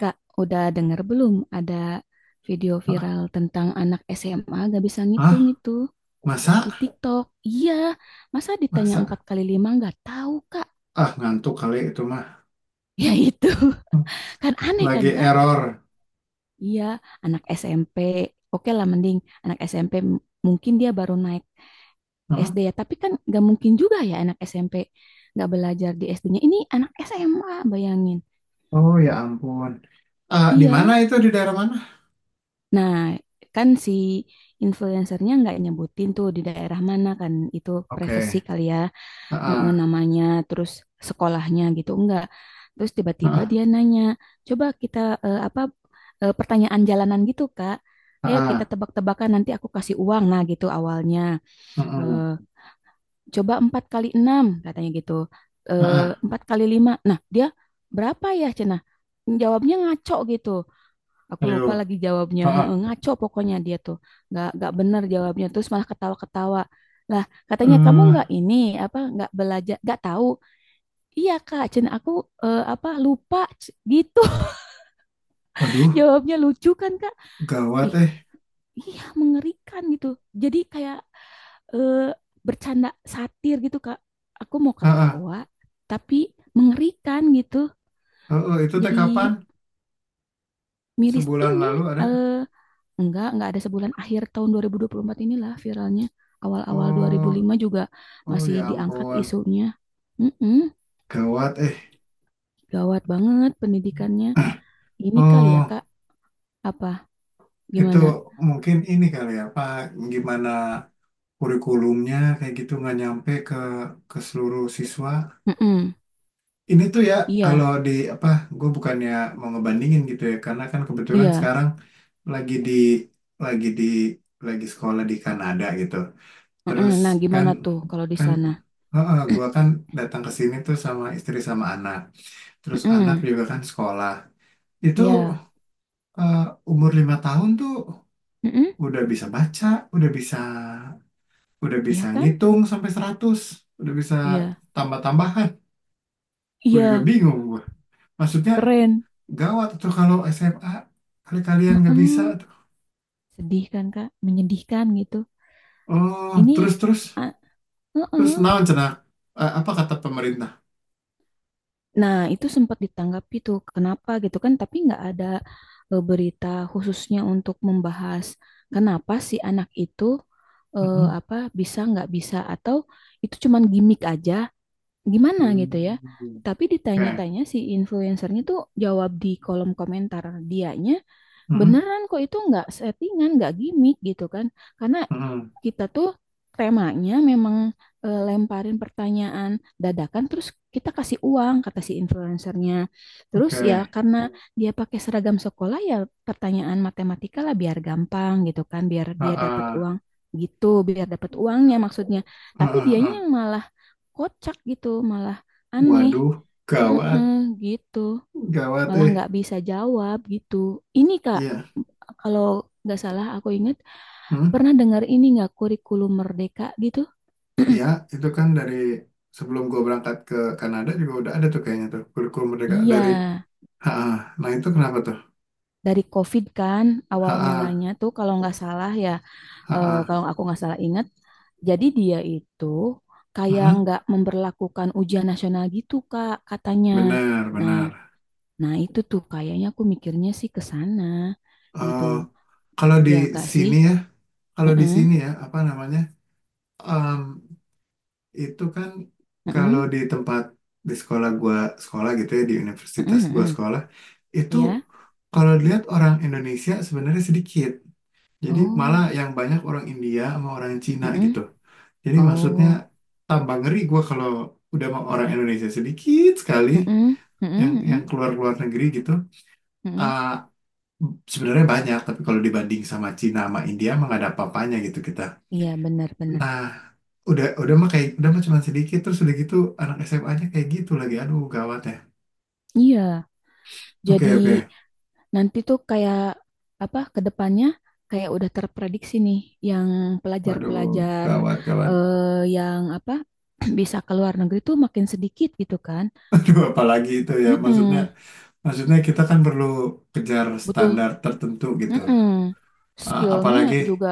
Kak, udah denger belum ada video viral tentang anak SMA gak bisa ngitung Ah, itu masa? di TikTok? Iya, masa ditanya empat Masa? kali lima nggak tahu Kak? Ah, ngantuk kali itu mah. Ya itu, Hmm. kan aneh kan Lagi Kak? error. Iya, anak SMP, oke lah mending anak SMP m- P m- mungkin dia baru naik Heeh. SD ya, tapi kan nggak mungkin juga ya anak SMP nggak belajar di SD-nya. Ini anak SMA, bayangin. Oh ya ampun. Ah, di mana Iya, itu? Di daerah mana? nah, kan si influencernya nggak nyebutin tuh di daerah mana kan itu Oke. privacy kali ya, Heeh. Namanya terus sekolahnya gitu enggak. Terus tiba-tiba Heeh. dia nanya, coba kita apa pertanyaan jalanan gitu Kak. Ayo kita Heeh. tebak-tebakan nanti aku kasih uang nah gitu awalnya. Heeh. Eh, Coba empat kali enam katanya gitu. Eh, Heeh. Empat kali lima. Nah dia berapa ya Cenah? Jawabnya ngaco gitu. Aku lupa Ayo. lagi jawabnya. Heeh. Heeh, ngaco pokoknya dia tuh. Nggak benar jawabnya. Terus malah ketawa-ketawa. Lah, katanya kamu nggak Eh, ini apa nggak belajar, nggak tahu. Iya, Kak, Cen aku apa lupa C- gitu. Waduh, Jawabnya lucu kan, Kak? gawat Ih, eh. iya mengerikan gitu. Jadi kayak eh, bercanda satir gitu, Kak. Aku mau Heeh. ketawa tapi mengerikan gitu. Heeh, itu teh Jadi kapan? miris Sebulan ini lalu ada. eh enggak ada sebulan akhir tahun 2024 inilah viralnya. Awal-awal Oh, 2005 juga oh masih ya diangkat ampun. isunya. Mm-mm, Gawat eh. gawat banget pendidikannya. Ah, Ini kali ya, Oh, Kak, apa itu gimana? mungkin ini kali ya, Pak. Gimana? Kurikulumnya kayak gitu nggak nyampe ke seluruh siswa. Mm-mm, Ini tuh ya kalau iya, di apa gue bukannya mau ngebandingin gitu ya karena kan kebetulan iya. sekarang lagi di lagi di lagi sekolah di Kanada gitu. Mm-mm, Terus nah, kan gimana tuh kalau di kan sana? heeh, gue kan datang ke sini tuh sama istri sama anak. Terus anak Mm-mm, juga kan sekolah. Itu iya. eh, umur 5 tahun tuh Mm-mm, udah bisa baca, udah bisa Udah bisa iya kan? ngitung sampai 100, udah bisa Iya. tambah-tambahan. Gue juga Iya, bingung gue. Maksudnya keren. gawat tuh kalau SMA kali kalian nggak bisa Mm-mm. tuh. Sedih kan, Kak? Menyedihkan gitu. Oh, Ini terus terus ah, terus mm-mm. naon cenah? Apa kata pemerintah? Nah, itu sempat ditanggapi tuh, kenapa gitu kan? Tapi nggak ada berita khususnya untuk membahas kenapa si anak itu Mhm. apa bisa nggak bisa atau itu cuman gimmick aja, gimana Hmm. gitu ya? Oke. Tapi ditanya-tanya si influencernya tuh jawab di kolom komentar dianya Mhm. beneran kok itu nggak settingan, nggak gimmick gitu kan. Karena Mhm. kita tuh temanya memang lemparin pertanyaan dadakan terus kita kasih uang kata si influencernya. Terus ya Oke. karena dia pakai seragam sekolah ya pertanyaan matematika lah biar gampang gitu kan, biar Ah, dia dapat ah. uang gitu, biar dapat uangnya maksudnya. Ah, Tapi ah, dianya ah. yang malah kocak gitu, malah aneh. Waduh, gawat, Mm-mm, gitu gawat malah eh. nggak bisa jawab gitu. Ini Kak, Iya. kalau nggak salah aku ingat Hmm? pernah dengar ini nggak kurikulum merdeka gitu? Iya, itu kan dari sebelum gue berangkat ke Kanada juga udah ada tuh kayaknya tuh kurikulum merdeka Iya, dari. Ha, nah itu kenapa tuh? dari COVID kan awal Ha, mulanya tuh kalau nggak salah ya, ha, kalau aku nggak salah ingat, jadi dia itu kayak hmm, nggak memberlakukan ujian nasional gitu Kak katanya. benar, Nah, benar. nah itu tuh kayaknya aku mikirnya sih ke sana gitu. Eh, kalau di Ya Kak sih. sini ya, kalau di Heeh, sini ya, apa namanya? em, itu kan heeh, kalau di sekolah gua sekolah gitu ya, di universitas heeh, gua heeh. sekolah, itu Iya. kalau dilihat orang Indonesia sebenarnya sedikit. Jadi malah Oh. yang banyak orang India sama orang Cina Mm-mm. gitu. Jadi maksudnya Oh, tambah ngeri gua kalau udah mau orang Indonesia sedikit sekali. mm-mm. yang Mm-mm. yang Mm-mm. keluar keluar negeri gitu, Mm-mm. eh, sebenarnya banyak tapi kalau dibanding sama Cina sama India emang gak ada apa-apanya gitu kita. Iya, benar-benar. Nah, udah mah kayak udah mah cuma sedikit terus udah gitu, anak SMA-nya kayak gitu lagi, aduh gawat ya. Iya, Oke jadi oke. nanti tuh kayak apa ke depannya kayak udah terprediksi nih yang Waduh, pelajar-pelajar gawat gawat. eh, yang apa bisa ke luar negeri tuh makin sedikit gitu kan. Aduh apalagi itu ya, maksudnya Mm-mm. maksudnya kita kan perlu kejar Butuh standar tertentu gitu. mm-mm. Eh, Skillnya apalagi juga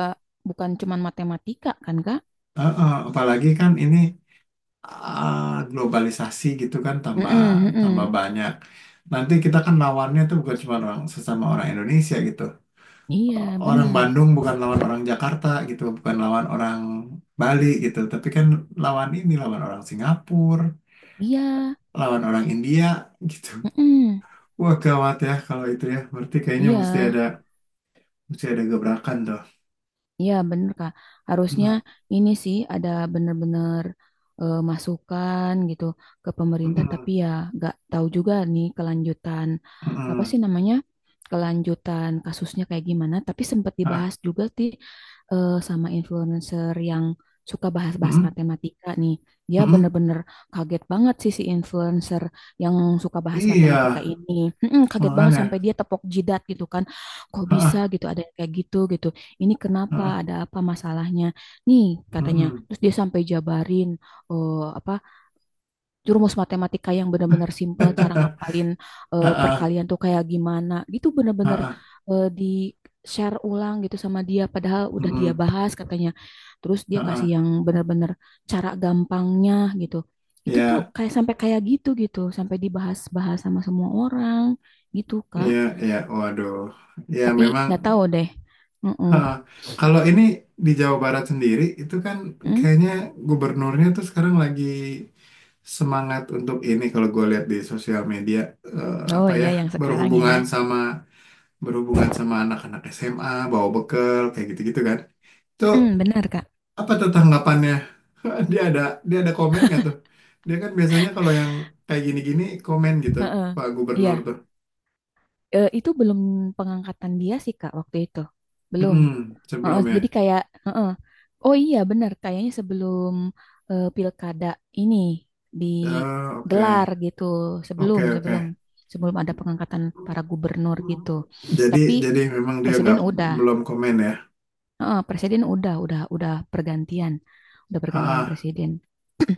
bukan cuman matematika kan, Kak? Apalagi kan ini, globalisasi gitu kan tambah Mm-mm. tambah Mm-mm. banyak. Nanti kita kan lawannya tuh bukan cuma orang sesama orang Indonesia gitu. Iya, Orang benar. Bandung bukan lawan orang Jakarta gitu, bukan lawan orang Bali gitu, tapi kan lawan orang Singapura, Iya. lawan orang India gitu. Mm-mm. Wah gawat ya kalau itu ya. Berarti kayaknya mesti Iya. ada mesti ada gebrakan tuh. Iya bener Kak, harusnya Mm-mm, ini sih ada bener-bener masukan gitu ke pemerintah tapi mm-mm, ya nggak tahu juga nih kelanjutan apa mm-mm. sih namanya kelanjutan kasusnya kayak gimana tapi sempat Ah, dibahas juga sih sama influencer yang suka bahas-bahas mm-mm, matematika nih dia mm-mm. bener-bener kaget banget sih si influencer yang suka bahas matematika Iya, ini. Mm-mm, kaget banget sampai makanya. dia tepok jidat gitu kan kok bisa Ah, gitu ada yang kayak gitu gitu ini kenapa ah, ada apa masalahnya nih katanya mm-mm. terus dia sampai jabarin eh, apa jurumus matematika yang benar-benar simpel cara ngapalin Heeh, perkalian tuh kayak gimana gitu benar-benar heeh, di share ulang gitu sama dia padahal udah dia mhm, bahas katanya terus dia kasih heeh. yang benar-benar cara gampangnya gitu itu tuh Ya, kayak sampai kayak gitu gitu sampai dibahas-bahas sama semua orang gitu Kak ya, ya. Waduh. Ya tapi nggak memang. tahu deh. Mm-mm. Heeh. Kalau ini di Jawa Barat sendiri itu kan Mm? kayaknya gubernurnya tuh sekarang lagi semangat untuk ini, kalau gue lihat di sosial media, Oh apa ya, iya yang sekarang berhubungan ya. sama berhubungan sama anak-anak SMA bawa bekal kayak gitu-gitu kan. Itu Mm-mm, benar, Kak. apa tuh tanggapannya? Dia ada dia ada komen nggak tuh? Dia kan biasanya kalau yang kayak gini-gini komen gitu, Heeh. Pak Gubernur Iya, tuh. eh, itu belum pengangkatan dia sih Kak waktu itu. Belum. Mm-mm, Heeh, sebelum jadi ya. kayak heeh. Oh iya benar, kayaknya sebelum pilkada ini Oke, digelar gitu. Sebelum oke, oke. sebelum sebelum ada pengangkatan para gubernur gitu. Jadi, Tapi jadi, memang dia presiden nggak udah. belum komen ya. Heeh, presiden udah pergantian. Udah pergantian Ah, presiden.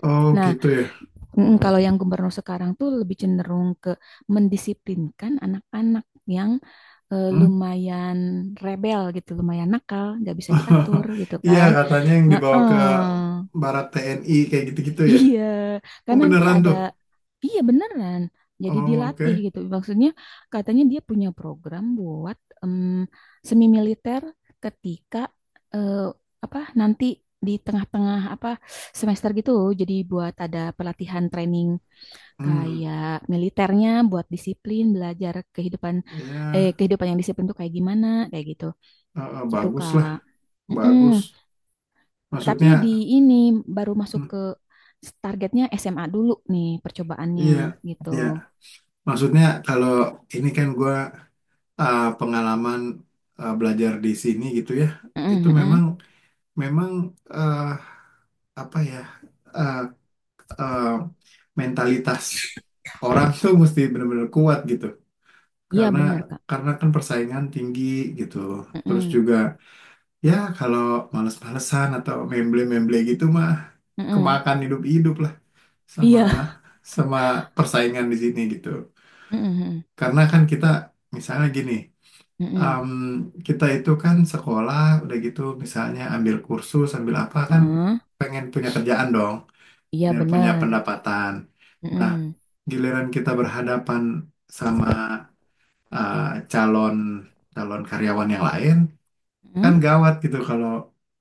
oh Nah, gitu ya. mm, kalau yang gubernur sekarang tuh lebih cenderung ke mendisiplinkan anak-anak yang Hmm? lumayan rebel gitu, lumayan nakal, nggak bisa diatur gitu Iya kan. katanya yang dibawa ke Heeh. Barat TNI kayak gitu-gitu ya. Iya, Oh kan nanti beneran ada, tuh. iya beneran. Jadi Oh dilatih oke. gitu. Maksudnya katanya dia punya program buat em, semi militer ketika eh, apa nanti di tengah-tengah apa semester gitu. Jadi buat ada pelatihan training Hmm, kayak militernya buat disiplin, belajar kehidupan ya, kehidupan yang disiplin tuh kayak gimana, kayak gitu. Gitu, bagus Kak. lah, Mm-mm. bagus. Tapi di Maksudnya, ini baru masuk hmm, ke targetnya SMA dulu nih percobaannya iya, gitu. iya. Maksudnya kalau ini kan gua pengalaman belajar di sini gitu ya, itu Mm-mm, mm-mm. Memang. eh, apa ya eh, eh, mentalitas orang tuh mesti benar-benar kuat gitu Iya, karena bener, Kak. karena kan persaingan tinggi gitu. Terus Mm-mm, juga ya kalau males-malesan atau memble-memble gitu mah, mm-mm. kemakan hidup-hidup lah sama Iya. sama persaingan di sini gitu, Mm-mm, mm-mm, karena kan kita misalnya gini, mm-mm. em, kita itu kan sekolah, udah gitu misalnya ambil kursus ambil apa kan, Mm-mm. pengen punya kerjaan dong Iya, biar punya bener. pendapatan. Nah, Mm-mm, giliran kita berhadapan sama eh, calon calon karyawan yang lain, kan mm-mm. gawat gitu kalau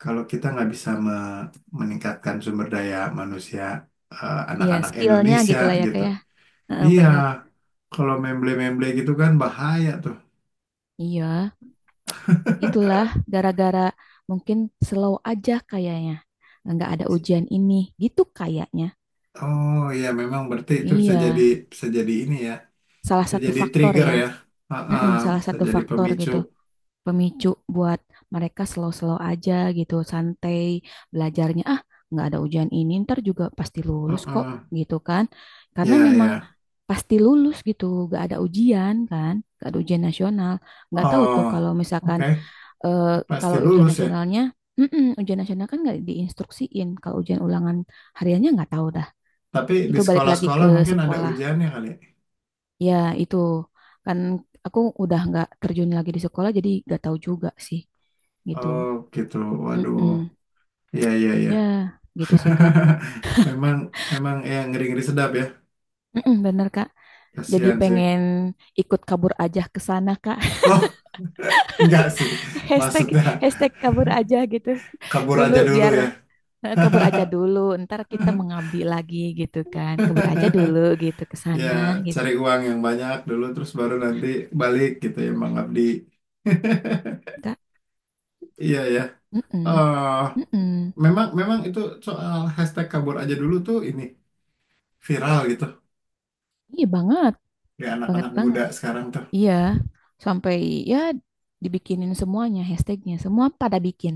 kalau kita nggak bisa meningkatkan sumber daya manusia, Iya, anak-anak skillnya Indonesia gitu lah ya, gitu. Kak ya. Heeh, Iya, bener. kalau memble-memble gitu kan bahaya tuh. Iya. Itulah gara-gara mungkin slow aja kayaknya. Nggak ada ujian ini, gitu kayaknya. Oh iya, memang berarti itu bisa jadi Iya, bisa jadi ini ya, salah bisa satu jadi faktor trigger ya. ya, ah, ah, Mm-mm, salah bisa satu jadi faktor pemicu. gitu. Pemicu buat mereka slow-slow aja gitu, santai belajarnya. Ah, nggak ada ujian ini, ntar juga pasti lulus kok Heeh. gitu kan. Karena Ya memang ya. pasti lulus gitu, nggak ada ujian kan. Nggak ada ujian nasional. Nggak tahu tuh kalau Oh, misalkan oke. eh, Pasti kalau ujian lulus ya. nasionalnya, mm-mm, ujian nasional kan nggak diinstruksiin. Kalau ujian ulangan hariannya nggak tahu dah. Tapi di Itu balik lagi sekolah-sekolah ke mungkin ada sekolah. ujiannya kali, ya? Ya itu kan aku udah nggak terjun lagi di sekolah, jadi nggak tahu juga sih gitu. Oh, gitu. Waduh. Mm-mm. Iya, iya, iya. Ya gitu sih Kak. Memang, memang, ya, ngeri-ngeri sedap ya. Mm-mm, bener Kak. Jadi Kasihan sih. pengen ikut kabur aja ke sana Kak. Oh, enggak sih. Hashtag Maksudnya hashtag kabur aja gitu kabur dulu aja dulu biar ya. eh, kabur aja dulu, ntar kita mengabdi lagi gitu kan. Kabur aja dulu gitu ke Ya, sana gitu, cari uang yang banyak dulu, terus baru nanti balik gitu ya, mengabdi. Kak. Iya ya. Mm-mm, Oh, mm-mm. memang memang itu soal hashtag kabur aja dulu tuh ini viral gitu, Iya banget, di banget anak-anak banget. muda sekarang tuh. Iya, sampai ya dibikinin semuanya hashtagnya, semua pada bikin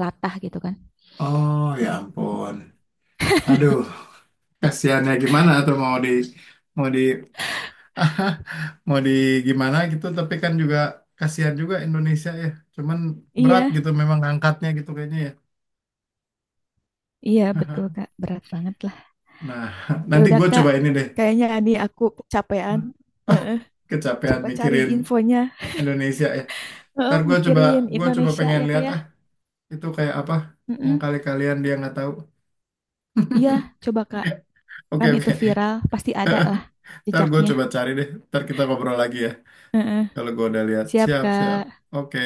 latah gitu kan. Oh ya ampun. Aduh, kasihannya gimana tuh, mau di mau di gimana gitu, tapi kan juga kasihan juga Indonesia ya. Cuman berat Iya, gitu memang angkatnya gitu kayaknya ya. iya betul Kak, berat banget lah. Nah, Ya nanti udah gue Kak, coba ini deh. kayaknya ini aku kecapean. Heeh, Kecapean coba cari mikirin infonya. Indonesia ya. Heeh, Ntar gue coba mikirin gue coba Indonesia pengen ya Kak lihat, ya. ah, itu kayak apa yang Mm-mm. kali kalian dia nggak tahu. Iya, coba Kak, Oke kan oke. itu viral, pasti ada lah Ntar gue jejaknya. coba cari deh. Ntar kita ngobrol lagi ya. Heeh. Kalau gue udah lihat, Siap, siap, siap. Kak. Oke,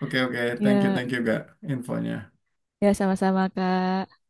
oke, oke. Ya, Thank you, gak infonya. ya sama-sama, Kak.